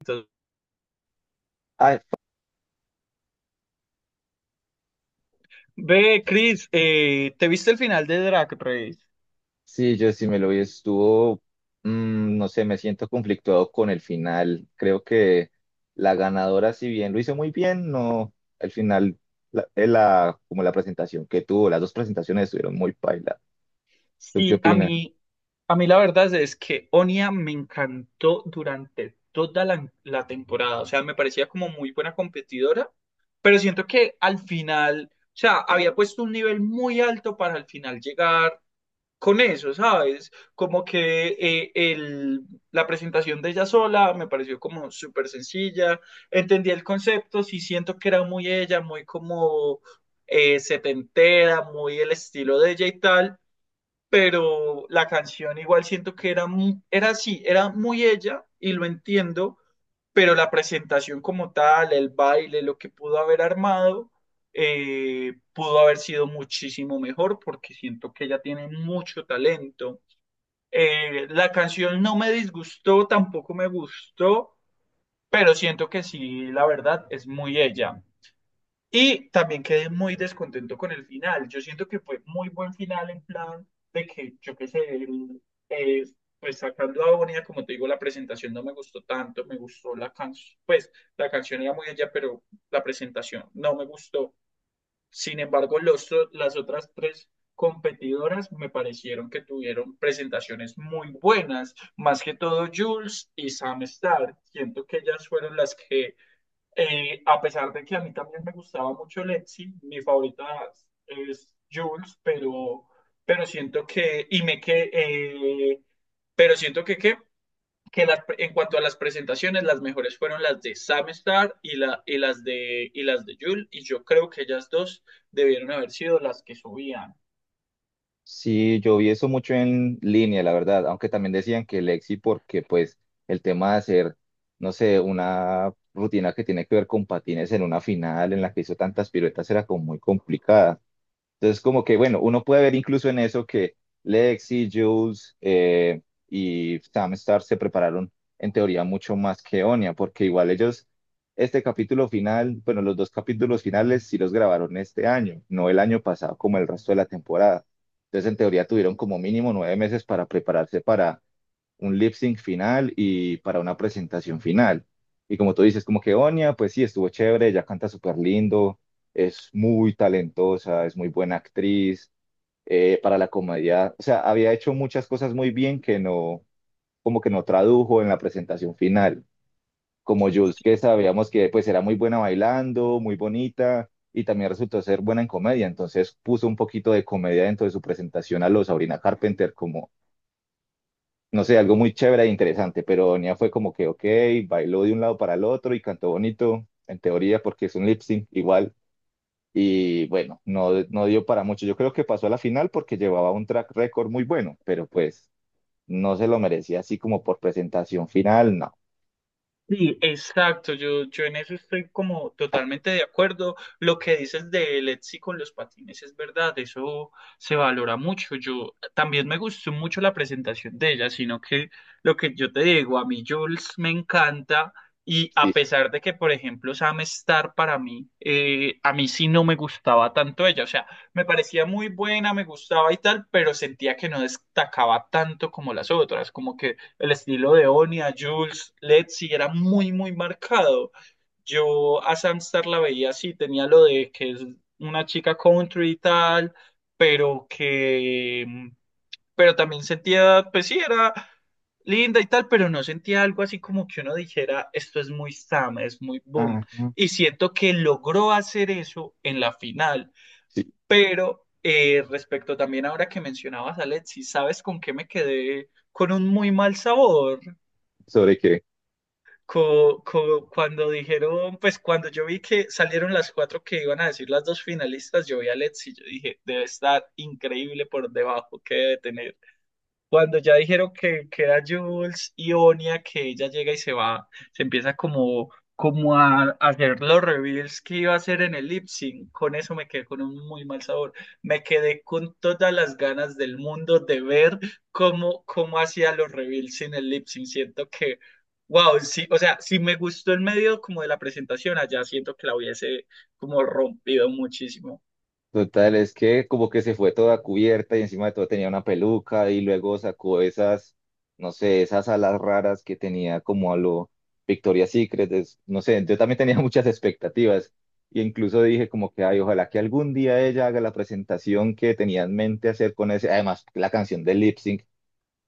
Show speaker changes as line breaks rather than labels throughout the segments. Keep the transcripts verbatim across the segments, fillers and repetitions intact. Entonces,
Ay,
ve, Chris, eh, ¿te viste el final de Drag Race?
sí, yo sí me lo vi, estuvo, mm, no sé, me siento conflictuado con el final. Creo que la ganadora, si bien lo hizo muy bien, no, al final, la, eh, la- como la presentación que tuvo, las dos presentaciones estuvieron muy paila. ¿Tú qué
Sí, a
opinas?
mí, a mí la verdad es que Onia me encantó durante toda la, la temporada. O sea, me parecía como muy buena competidora, pero siento que al final, o sea, había puesto un nivel muy alto para al final llegar con eso, ¿sabes? Como que eh, el, la presentación de ella sola me pareció como súper sencilla, entendí el concepto, sí siento que era muy ella, muy como eh, setentera, muy el estilo de ella y tal, pero la canción igual siento que era, mu- era así, era muy ella y lo entiendo, pero la presentación como tal, el baile, lo que pudo haber armado, eh, pudo haber sido muchísimo mejor porque siento que ella tiene mucho talento. Eh, la canción no me disgustó, tampoco me gustó, pero siento que sí, la verdad, es muy ella. Y también quedé muy descontento con el final. Yo siento que fue muy buen final en plan de que, yo qué sé, el- eh, pues sacando a Bonilla, como te digo, la presentación no me gustó tanto, me gustó la canción, pues la canción era muy allá, pero la presentación no me gustó. Sin embargo, los, o- las otras tres competidoras me parecieron que tuvieron presentaciones muy buenas, más que todo Jules y Sam Starr. Siento que ellas fueron las que eh, a pesar de que a mí también me gustaba mucho Lexi, mi favorita es Jules, pero, pero siento que, y me que, eh, pero siento que, que, que las- en cuanto a las presentaciones, las mejores fueron las de Sam Star y, la, y las de, y las de Jules, y yo creo que ellas dos debieron haber sido las que subían.
Sí, yo vi eso mucho en línea, la verdad, aunque también decían que Lexi, porque pues el tema de hacer, no sé, una rutina que tiene que ver con patines en una final en la que hizo tantas piruetas era como muy complicada. Entonces, como que, bueno, uno puede ver incluso en eso que Lexi, Jules eh, y Sam Star se prepararon en teoría mucho más que Onia, porque igual ellos, este capítulo final, bueno, los dos capítulos finales sí los grabaron este año, no el año pasado como el resto de la temporada. Entonces, en teoría tuvieron como mínimo nueve meses para prepararse para un lip sync final y para una presentación final. Y como tú dices, como que Onia, pues sí, estuvo chévere, ella canta súper lindo, es muy talentosa, es muy buena actriz, eh, para la comedia, o sea, había hecho muchas cosas muy bien que no, como que no tradujo en la presentación final. Como Jules, que sabíamos que pues era muy buena bailando, muy bonita, y también resultó ser buena en comedia, entonces puso un poquito de comedia dentro de su presentación a los Sabrina Carpenter como no sé, algo muy chévere e interesante, pero Nia fue como que, ok, bailó de un lado para el otro y cantó bonito, en teoría, porque es un lip sync igual. Y bueno, no, no dio para mucho. Yo creo que pasó a la final porque llevaba un track record muy bueno, pero pues no se lo merecía así como por presentación final, no.
Sí, exacto, yo, yo en eso estoy como totalmente de acuerdo. Lo que dices de Lexi con los patines es verdad, eso se valora mucho. Yo también me gustó mucho la presentación de ella, sino que lo que yo te digo, a mí Jules me encanta y a
Sí.
pesar de que, por ejemplo, Sam Star para mí, eh, a mí sí no me gustaba tanto ella, o sea, me parecía muy buena, me gustaba y tal, pero sentía que no destacaba tanto como las otras, como que el estilo de Onia, Jules, Letzi era muy, muy marcado. Yo a Samstar la veía así, tenía lo de que es una chica country y tal, pero que, pero también sentía, pues sí, era linda y tal, pero no sentía algo así como que uno dijera, esto es muy Sam, es muy boom.
Ah, no.
Y siento que logró hacer eso en la final,
Sí.
pero... eh, respecto también ahora que mencionabas a Letzi, ¿sabes con qué me quedé con un muy mal sabor?
¿Sobre qué?
Co- co- cuando dijeron, pues cuando yo vi que salieron las cuatro que iban a decir las dos finalistas, yo vi a Let's y yo dije, debe estar increíble por debajo, que debe tener. Cuando ya dijeron que queda Jules y Onia, que ella llega y se va, se empieza como, como a, a hacer los reveals que iba a hacer en el lip sync. Con eso me quedé con un muy mal sabor. Me quedé con todas las ganas del mundo de ver cómo, cómo hacía los reveals en el lip sync. Siento que, wow, sí, o sea, si me gustó el medio como de la presentación, allá siento que la hubiese como rompido muchísimo.
Total, es que como que se fue toda cubierta y encima de todo tenía una peluca y luego sacó esas, no sé, esas alas raras que tenía como a lo Victoria's Secret, es- no sé, yo también tenía muchas expectativas y incluso dije como que, ay, ojalá que algún día ella haga la presentación que tenía en mente hacer con ese, además la canción de Lip Sync,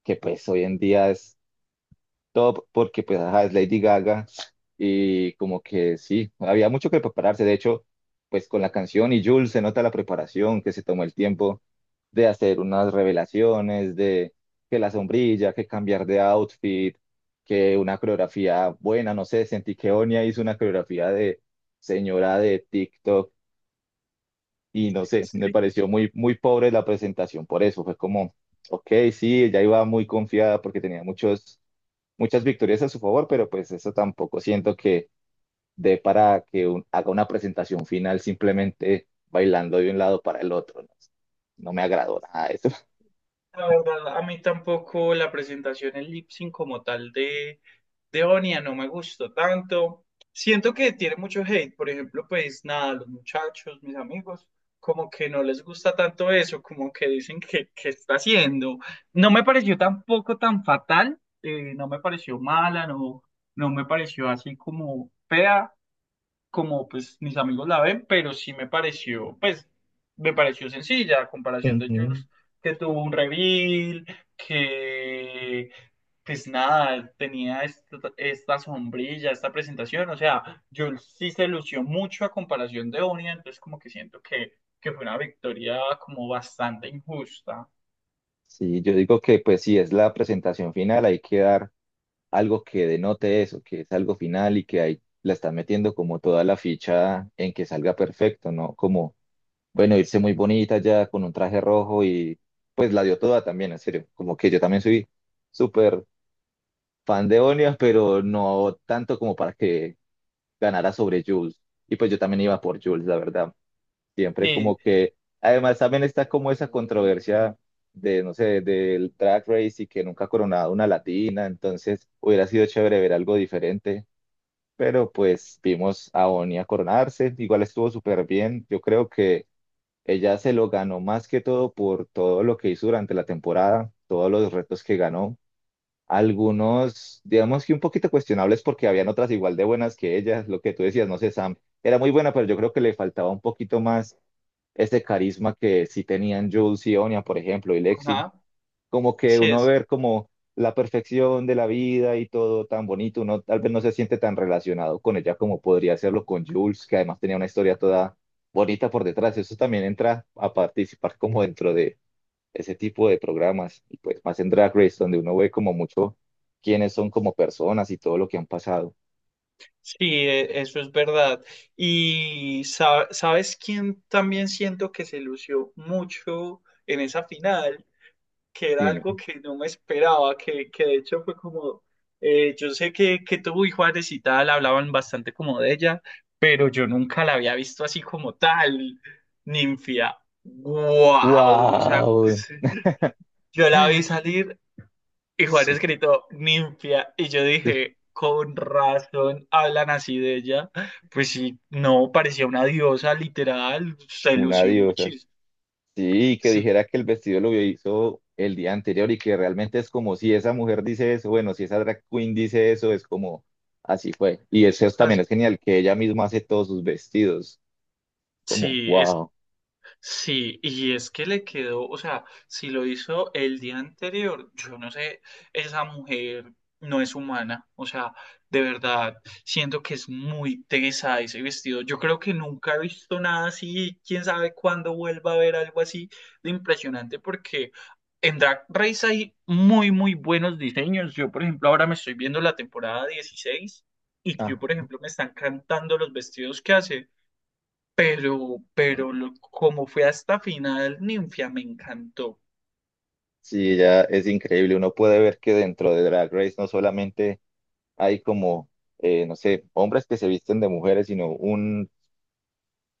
que pues hoy en día es top porque pues ajá, es Lady Gaga y como que sí, había mucho que prepararse. De hecho, pues con la canción y Jules se nota la preparación, que se tomó el tiempo de hacer unas revelaciones, de que la sombrilla, que cambiar de outfit, que una coreografía buena, no sé, sentí que Onia hizo una coreografía de señora de TikTok y no sé, me pareció muy, muy pobre la presentación, por eso fue como, ok, sí, ella iba muy confiada porque tenía muchos muchas victorias a su favor, pero pues eso tampoco siento que dé para que un- haga una presentación final simplemente bailando de un lado para el otro. No, no me agradó nada eso.
La verdad, a mí tampoco la presentación en lip sync como tal de, de Onia no me gustó tanto. Siento que tiene mucho hate, por ejemplo, pues nada, los muchachos, mis amigos, como que no les gusta tanto eso, como que dicen que, que está haciendo. No me pareció tampoco tan fatal, eh, no me pareció mala, no, no me pareció así como fea como pues mis amigos la ven, pero sí me pareció, pues, me pareció sencilla a comparación de
Ujú.
Jules, que tuvo un reveal, que pues nada, tenía esta, esta sombrilla, esta presentación, o sea, Jules sí se lució mucho a comparación de Onia, entonces como que siento que, que fue una victoria como bastante injusta.
Sí, yo digo que pues si es la presentación final, hay que dar algo que denote eso, que es algo final y que ahí la están metiendo como toda la ficha en que salga perfecto, ¿no? Como, bueno, irse muy bonita ya con un traje rojo y pues la dio toda también, en serio. Como que yo también soy súper fan de Onias, pero no tanto como para que ganara sobre Jules. Y pues yo también iba por Jules, la verdad. Siempre como
Sí,
que, además también está como esa controversia de, no sé, del track race y que nunca ha coronado una latina, entonces hubiera sido chévere ver algo diferente. Pero pues vimos a Onia coronarse, igual estuvo súper bien. Yo creo que ella se lo ganó más que todo por todo lo que hizo durante la temporada, todos los retos que ganó algunos, digamos que un poquito cuestionables porque habían otras igual de buenas que ellas lo que tú decías, no sé, Sam, era muy buena, pero yo creo que le faltaba un poquito más ese carisma que sí tenían Jules y Onya, por ejemplo, y Lexi.
ajá,
Como que
sí,
uno
eso.
ver como la perfección de la vida y todo tan bonito, uno tal vez no se siente tan relacionado con ella como podría hacerlo con Jules, que además tenía una historia toda bonita por detrás. Eso también entra a participar como dentro de ese tipo de programas, y pues más en Drag Race, donde uno ve como mucho quiénes son como personas y todo lo que han pasado.
Sí, e- eso es verdad. Y sa- sabes quién también siento que se lució mucho en esa final, que era
Dime.
algo que no me esperaba, que, que de hecho fue como, eh, yo sé que, que tú y Juárez y tal hablaban bastante como de ella, pero yo nunca la había visto así como tal, Ninfia. ¡Wow! O sea,
Wow.
yo la vi salir y Juan
Sí,
escrito ninfia. Y yo
sí,
dije, con razón hablan así de ella. Pues sí, no, parecía una diosa literal. Se
una
lució
diosa.
muchísimo.
Sí, que
Sí,
dijera que el vestido lo hizo el día anterior y que realmente es como si esa mujer dice eso, bueno, si esa drag queen dice eso, es como así fue. Y eso es- también
así-
es genial, que ella misma hace todos sus vestidos, como
sí.
wow.
Sí, y es que le quedó, o sea, si lo hizo el día anterior, yo no sé, esa mujer no es humana, o sea, de verdad, siento que es muy tesa ese vestido. Yo creo que nunca he visto nada así, quién sabe cuándo vuelva a ver algo así de impresionante, porque en Drag Race hay muy, muy buenos diseños. Yo, por ejemplo, ahora me estoy viendo la temporada dieciséis y
Ah,
que, por ejemplo, me están cantando los vestidos que hace pero, pero lo- como fue hasta final, Ninfia me encantó.
sí, ella es increíble. Uno puede ver que dentro de Drag Race no solamente hay como, eh, no sé, hombres que se visten de mujeres, sino un,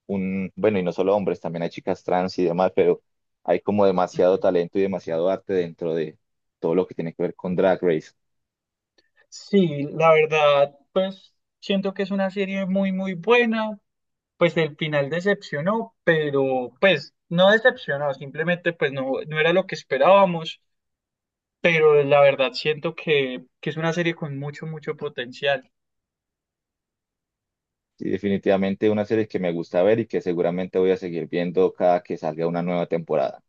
un, bueno, y no solo hombres, también hay chicas trans y demás, pero hay como demasiado
Ujú.
talento y demasiado arte dentro de todo lo que tiene que ver con Drag Race.
Sí, la verdad, pues siento que es una serie muy, muy buena. Pues el final decepcionó, pero pues no decepcionó, simplemente pues no, no era lo que esperábamos, pero la verdad siento que, que es una serie con mucho, mucho potencial.
Y definitivamente una serie que me gusta ver y que seguramente voy a seguir viendo cada que salga una nueva temporada.